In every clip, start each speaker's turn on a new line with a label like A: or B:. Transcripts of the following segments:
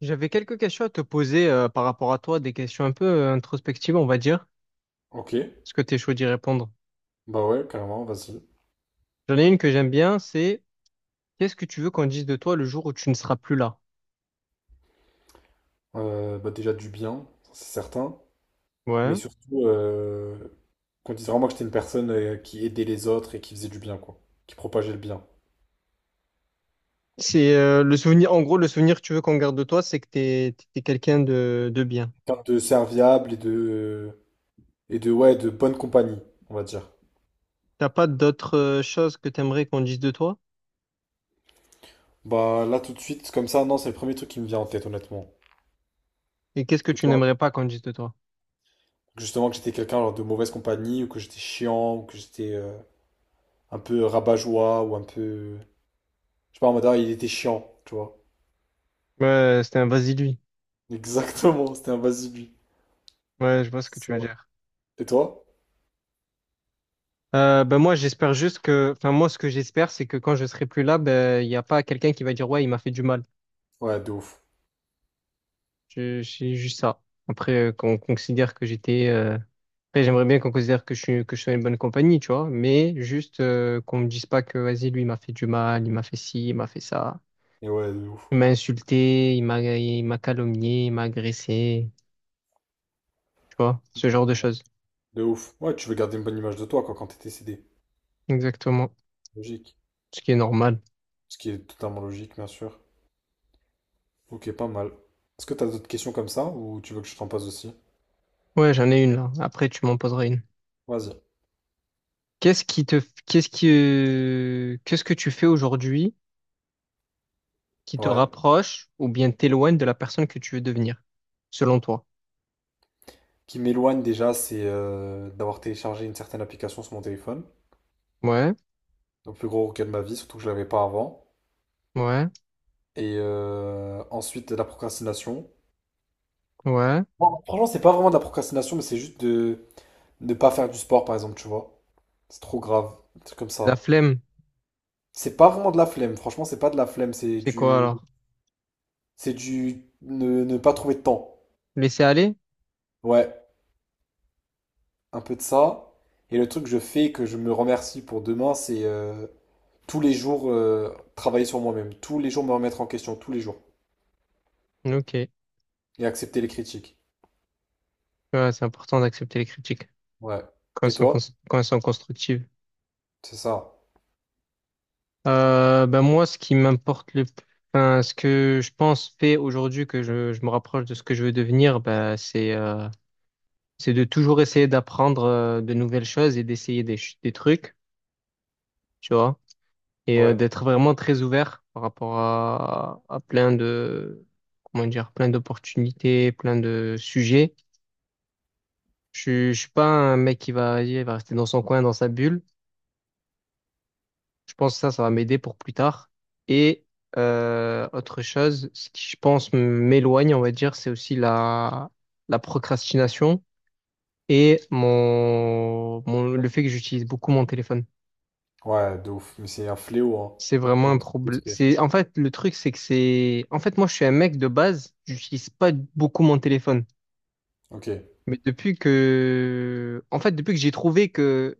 A: J'avais quelques questions à te poser par rapport à toi, des questions un peu introspectives, on va dire.
B: Ok,
A: Est-ce que tu es chaud d'y répondre?
B: bah ouais, carrément, vas-y.
A: J'en ai une que j'aime bien, c'est qu'est-ce que tu veux qu'on dise de toi le jour où tu ne seras plus là?
B: Bah déjà du bien, ça, c'est certain. Mais
A: Ouais.
B: surtout, qu'on dise vraiment que j'étais une personne qui aidait les autres et qui faisait du bien, quoi. Qui propageait le bien.
A: C'est le souvenir, en gros, le souvenir que tu veux qu'on garde de toi, c'est que t'es quelqu'un de bien.
B: Quelqu'un de serviable et de... Et de, ouais, de bonne compagnie, on va dire.
A: T'as pas d'autres choses que t'aimerais qu'on dise de toi?
B: Bah là, tout de suite, comme ça, non, c'est le premier truc qui me vient en tête, honnêtement.
A: Et qu'est-ce que
B: Et
A: tu
B: toi?
A: n'aimerais pas qu'on dise de toi?
B: Justement, que j'étais quelqu'un genre, de mauvaise compagnie, ou que j'étais chiant, ou que j'étais un peu rabat-joie, ou un peu... Je sais pas, en mode, ah, il était chiant, tu vois.
A: Ouais, c'était un vas-y lui.
B: Exactement, c'était un vas-y, lui.
A: Ouais, je vois ce que
B: C'est
A: tu
B: ça.
A: veux dire.
B: Et toi?
A: Ben moi, j'espère juste que, enfin moi, ce que j'espère, c'est que quand je serai plus là, ben il n'y a pas quelqu'un qui va dire ouais, il m'a fait du mal.
B: Ouais, de ouf.
A: Je, c'est juste ça. Après, qu'on considère que j'étais. Après, j'aimerais bien qu'on considère que je suis dans une bonne compagnie, tu vois. Mais juste qu'on me dise pas que, vas-y, lui, il m'a fait du mal, il m'a fait ci, il m'a fait ça.
B: Et ouais, de ouf.
A: Il m'a insulté, il m'a calomnié, il m'a agressé. Tu vois, ce genre de choses.
B: De ouf. Ouais, tu veux garder une bonne image de toi, quoi, quand t'es décédé.
A: Exactement.
B: Logique.
A: Ce qui est normal.
B: Ce qui est totalement logique, bien sûr. Ok, pas mal. Est-ce que t'as d'autres questions comme ça, ou tu veux que je t'en pose aussi?
A: Ouais, j'en ai une là. Après, tu m'en poseras une.
B: Vas-y.
A: Qu'est-ce que tu fais aujourd'hui qui te
B: Ouais.
A: rapproche ou bien t'éloigne de la personne que tu veux devenir, selon toi?
B: Qui m'éloigne déjà, c'est d'avoir téléchargé une certaine application sur mon téléphone.
A: Ouais.
B: Donc, le plus gros regret de ma vie, surtout que je l'avais pas avant.
A: Ouais,
B: Et ensuite, la procrastination.
A: ouais.
B: Bon, franchement, c'est pas vraiment de la procrastination, mais c'est juste de ne pas faire du sport, par exemple, tu vois. C'est trop grave. Un truc comme
A: La
B: ça.
A: flemme,
B: C'est pas vraiment de la flemme, franchement, c'est pas de la flemme,
A: c'est quoi alors?
B: c'est du ne pas trouver de temps.
A: Laisser aller?
B: Ouais, un peu de ça. Et le truc que je fais, que je me remercie pour demain, c'est tous les jours travailler sur moi-même, tous les jours me remettre en question, tous les jours,
A: Ok.
B: et accepter les critiques.
A: Ouais, c'est important d'accepter les critiques
B: Ouais.
A: quand elles
B: Et toi?
A: quand elles sont constructives.
B: C'est ça.
A: Ben moi, ce qui m'importe le plus, enfin, ce que je pense fait aujourd'hui que je me rapproche de ce que je veux devenir, ben, c'est de toujours essayer d'apprendre de nouvelles choses et d'essayer des trucs, tu vois, et
B: Ouais.
A: d'être vraiment très ouvert par rapport à plein comment dire, plein d'opportunités, plein de sujets. Je suis pas un mec qui va, vas-y, il va rester dans son coin, dans sa bulle. Je pense que ça va m'aider pour plus tard. Et autre chose, ce qui, je pense, m'éloigne, on va dire, c'est aussi la procrastination et le fait que j'utilise beaucoup mon téléphone.
B: Ouais, de ouf, mais c'est un fléau, hein.
A: C'est vraiment
B: Ouais,
A: un
B: tu peux te
A: problème.
B: détruire.
A: C'est, en fait, le truc, c'est que c'est, en fait, moi, je suis un mec de base, j'utilise pas beaucoup mon téléphone.
B: Ok. Ouais,
A: Mais depuis que, en fait, depuis que j'ai trouvé que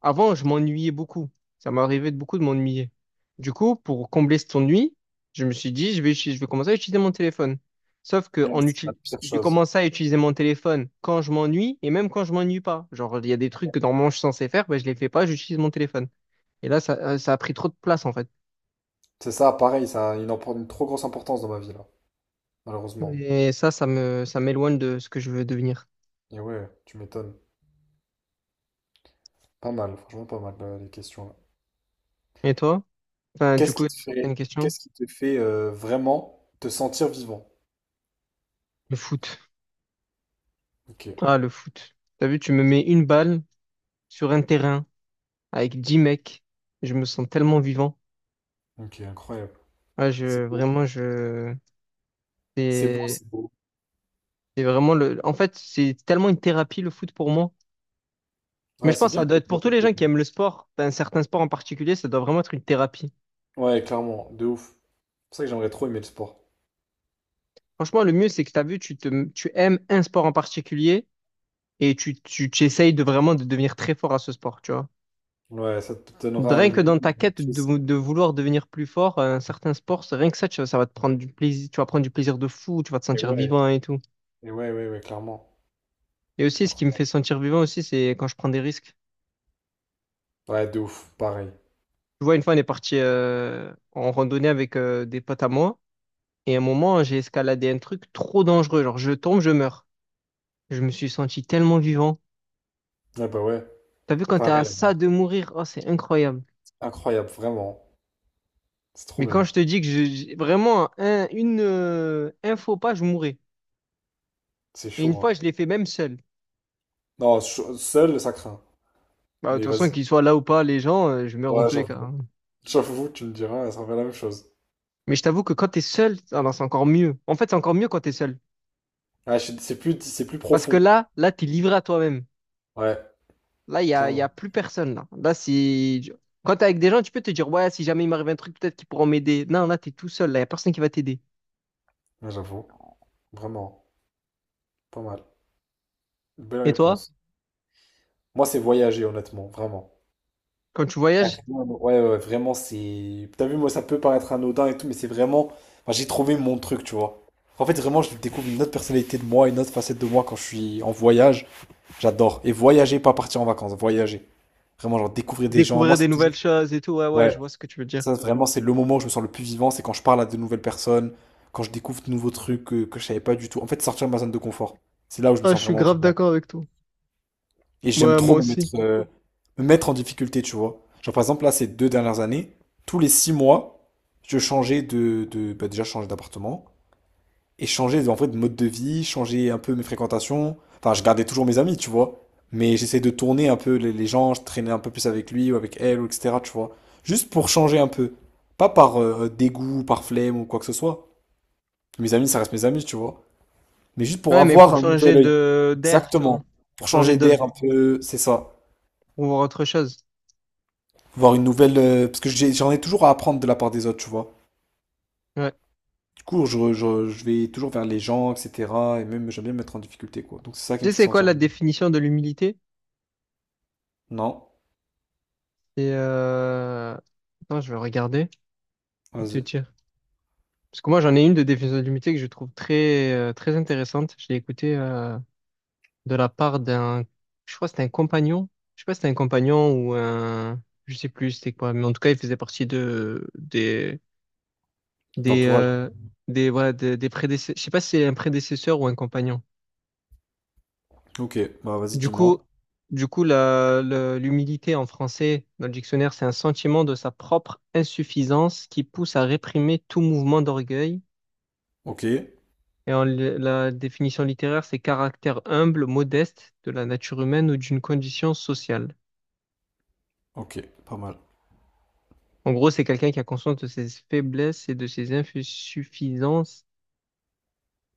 A: avant, je m'ennuyais beaucoup. Ça m'arrivait de beaucoup de m'ennuyer. Du coup, pour combler cet ennui, je me suis dit, je vais commencer à utiliser mon téléphone. Sauf que en
B: c'est la
A: util-
B: pire
A: j'ai
B: chose.
A: commencé à utiliser mon téléphone quand je m'ennuie et même quand je m'ennuie pas. Genre, il y a des trucs que normalement je suis censé faire, ben, je les fais pas, j'utilise mon téléphone. Et là, ça, ça a pris trop de place en fait.
B: C'est ça, pareil, ça a une, une trop grosse importance dans ma vie, là, malheureusement.
A: Et ça, ça m'éloigne de ce que je veux devenir.
B: Et ouais, tu m'étonnes. Pas mal, franchement pas mal les questions là.
A: Et toi? Enfin, du
B: Qu'est-ce
A: coup,
B: qui te
A: t'as
B: fait,
A: une question?
B: qu'est-ce qui te fait vraiment te sentir vivant?
A: Le foot.
B: Ok,
A: Ah, le foot. T'as vu, tu me mets une balle sur un terrain, avec 10 mecs. Je me sens tellement vivant.
B: ok, incroyable.
A: Ouais, je,
B: C'est beau,
A: vraiment, je,
B: c'est beau,
A: c'est
B: c'est beau.
A: en fait, c'est tellement une thérapie le foot pour moi. Mais
B: Ouais,
A: je pense
B: c'est
A: que ça
B: bien que
A: doit
B: t'aies
A: être pour
B: trouvé
A: tous
B: ton
A: les gens
B: truc.
A: qui aiment le sport, un certain sport en particulier, ça doit vraiment être une thérapie.
B: Ouais, clairement, de ouf. C'est pour ça que j'aimerais trop aimer le sport.
A: Franchement, le mieux, c'est que tu as vu, tu aimes un sport en particulier et tu essayes de vraiment de devenir très fort à ce sport, tu vois.
B: Ouais, ça te donnera
A: Rien
B: une
A: que
B: vie
A: dans ta quête
B: motrice.
A: de vouloir devenir plus fort, à un certain sport, c'est rien que ça, tu vois, ça va te prendre du plaisir, tu vas prendre du plaisir de fou, tu vas te
B: Et
A: sentir
B: ouais,
A: vivant et tout.
B: et ouais, ouais, ouais, clairement.
A: Et aussi, ce qui me fait
B: Incroyable.
A: sentir vivant aussi, c'est quand je prends des risques.
B: Ouais, de ouf, pareil.
A: Tu vois, une fois, on est parti en randonnée avec des potes à moi. Et à un moment, j'ai escaladé un truc trop dangereux. Genre, je tombe, je meurs. Je me suis senti tellement vivant.
B: Ouais, bah ouais,
A: T'as vu quand t'es à
B: pareil.
A: ça de mourir, oh, c'est incroyable.
B: Incroyable, vraiment. C'est trop
A: Mais quand
B: bien.
A: je te dis que vraiment, un faux pas, je mourrais.
B: C'est
A: Et une
B: chaud,
A: fois,
B: hein.
A: je l'ai fait même seul.
B: Non, ch- seul, ça craint.
A: Bah, de
B: Mais
A: toute façon,
B: vas-y.
A: qu'ils soient là ou pas, les gens, je meurs dans
B: Ouais,
A: tous les cas,
B: j'avoue.
A: hein.
B: J'avoue, tu me diras, ça fait la même chose.
A: Mais je t'avoue que quand t'es seul, ah non, c'est encore mieux. En fait, c'est encore mieux quand t'es seul.
B: Ah, c'est plus
A: Parce que
B: profond.
A: là, t'es livré à toi-même.
B: Ouais,
A: Là, il y
B: clairement.
A: a plus personne. Là, là si... Quand tu avec des gens, tu peux te dire, ouais, si jamais il m'arrive un truc, peut-être qu'ils pourront m'aider. Non, là, tu es tout seul. Là, il n'y a personne qui va t'aider.
B: Ouais, j'avoue. Vraiment. Pas mal. Belle
A: Et toi,
B: réponse. Moi, c'est voyager, honnêtement. Vraiment.
A: quand tu
B: Ok.
A: voyages,
B: Ouais, ouais, vraiment, c'est. T'as vu, moi, ça peut paraître anodin et tout, mais c'est vraiment. Enfin, j'ai trouvé mon truc, tu vois. En fait, vraiment, je découvre une autre personnalité de moi, une autre facette de moi quand je suis en voyage. J'adore. Et voyager, pas partir en vacances, voyager. Vraiment, genre, découvrir des gens. Moi,
A: découvrir des
B: c'est
A: nouvelles
B: toujours.
A: choses et tout, ouais, ouais, je
B: Ouais.
A: vois ce que tu veux dire.
B: Ça, vraiment, c'est le moment où je me sens le plus vivant, c'est quand je parle à de nouvelles personnes, quand je découvre de nouveaux trucs que je savais pas du tout. En fait, sortir de ma zone de confort, c'est là où je me
A: Ah, je
B: sens
A: suis
B: vraiment
A: grave
B: vivant.
A: d'accord avec toi.
B: Et j'aime
A: Ouais, moi
B: trop
A: aussi.
B: me mettre en difficulté, tu vois. Genre, par exemple, là, ces 2 dernières années, tous les 6 mois, je changeais de bah, déjà, je changeais d'appartement et changer en fait de mode de vie, changer un peu mes fréquentations. Enfin, je gardais toujours mes amis, tu vois. Mais j'essaie de tourner un peu les gens, je traînais un peu plus avec lui ou avec elle, ou etc., tu vois. Juste pour changer un peu. Pas par dégoût, par flemme ou quoi que ce soit. Mes amis, ça reste mes amis, tu vois. Mais juste pour
A: Ouais, mais
B: avoir
A: pour
B: un
A: changer
B: nouvel œil.
A: de d'air, tu vois.
B: Exactement. Pour
A: Changer
B: changer
A: de...
B: d'air un peu, c'est ça.
A: pour voir autre chose.
B: Voir une nouvelle... parce que j'en ai toujours à apprendre de la part des autres, tu vois.
A: Ouais.
B: Du coup, je vais toujours vers les gens, etc. Et même, j'aime bien me mettre en difficulté, quoi. Donc c'est ça qui
A: Tu
B: me
A: sais,
B: fait
A: c'est quoi
B: sentir
A: la
B: bien.
A: définition de l'humilité?
B: Non.
A: et Euh... Attends, je vais regarder. Je vais te
B: Vas-y.
A: dire. Parce que moi, j'en ai une de définition de l'humilité que je trouve très intéressante. Je l'ai écoutée, de la part je crois que c'était un compagnon, je sais pas si c'était un compagnon ou un, je sais plus c'était quoi, mais en tout cas il faisait partie de des
B: L'entourage.
A: euh, des voilà des prédécesseurs, je sais pas si c'est un prédécesseur ou un compagnon.
B: Ok, bah vas-y,
A: Du
B: dis-moi.
A: coup, du coup, l'humilité en français dans le dictionnaire c'est un sentiment de sa propre insuffisance qui pousse à réprimer tout mouvement d'orgueil.
B: Ok,
A: Et la définition littéraire, c'est caractère humble, modeste de la nature humaine ou d'une condition sociale.
B: ok, pas mal.
A: En gros, c'est quelqu'un qui a conscience de ses faiblesses et de ses insuffisances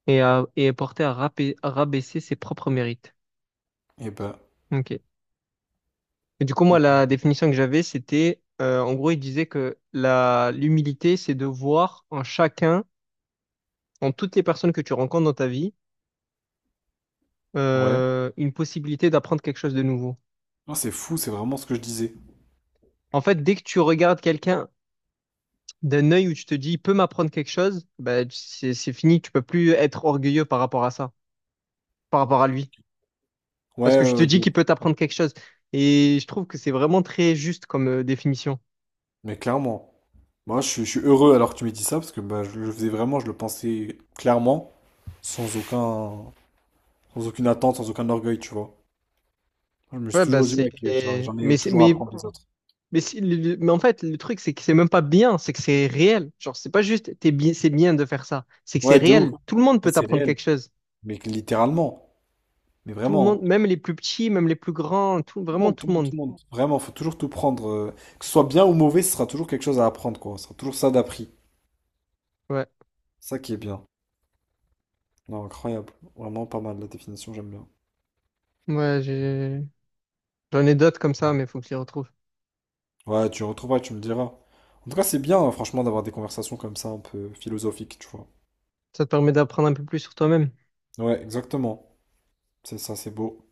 A: et est porté à rabaisser ses propres mérites.
B: Et ben,
A: Ok. Et du coup, moi, la
B: ok.
A: définition que j'avais, c'était, en gros, il disait que l'humilité, c'est de voir en chacun, en toutes les personnes que tu rencontres dans ta vie,
B: Ouais.
A: une possibilité d'apprendre quelque chose de nouveau.
B: Non, c'est fou, c'est vraiment ce que je disais.
A: En fait, dès que tu regardes quelqu'un d'un œil où tu te dis, il peut m'apprendre quelque chose, bah, c'est fini, tu peux plus être orgueilleux par rapport à ça, par rapport à lui. Parce
B: Ouais,
A: que je
B: ouais,
A: te
B: ouais, de
A: dis
B: ouf.
A: qu'il peut t'apprendre quelque chose. Et je trouve que c'est vraiment très juste comme définition.
B: Mais clairement, moi je suis heureux alors que tu m'aies dit ça parce que bah, je le faisais vraiment, je le pensais clairement, sans aucun, sans aucune attente, sans aucun orgueil, tu vois. Je me suis
A: Ouais, bah
B: toujours dit,
A: c'est.
B: ouais, que j'en
A: Mais,
B: ai
A: c'est-
B: toujours à
A: mais,
B: apprendre des autres.
A: mais en fait, le truc, c'est que c'est même pas bien, c'est que c'est réel. Genre, c'est pas juste, t'es bien, c'est bien de faire ça. C'est que c'est
B: Ouais, de ouf.
A: réel. Tout le monde
B: Ah,
A: peut
B: c'est
A: t'apprendre
B: réel.
A: quelque chose.
B: Mais que littéralement, mais
A: Tout le monde,
B: vraiment, hein.
A: même les plus petits, même les plus grands, tout,
B: Le
A: vraiment
B: monde,
A: tout
B: tout le
A: le
B: monde, tout
A: monde.
B: le monde. Vraiment, faut toujours tout prendre. Que ce soit bien ou mauvais, ce sera toujours quelque chose à apprendre, quoi. Ce sera toujours ça d'appris.
A: Ouais.
B: Ça qui est bien. Non, incroyable. Vraiment pas mal la définition, j'aime bien.
A: Ouais, j'ai- j'en ai d'autres comme ça, mais faut que je les retrouve.
B: Ouais, tu retrouveras, tu me diras. En tout cas, c'est bien, hein, franchement, d'avoir des conversations comme ça, un peu philosophiques, tu vois.
A: Ça te permet d'apprendre un peu plus sur toi-même.
B: Ouais, exactement. C'est ça, c'est beau.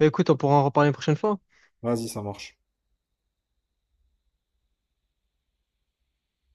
A: Bah, écoute, on pourra en reparler une prochaine fois.
B: Vas-y, ça marche.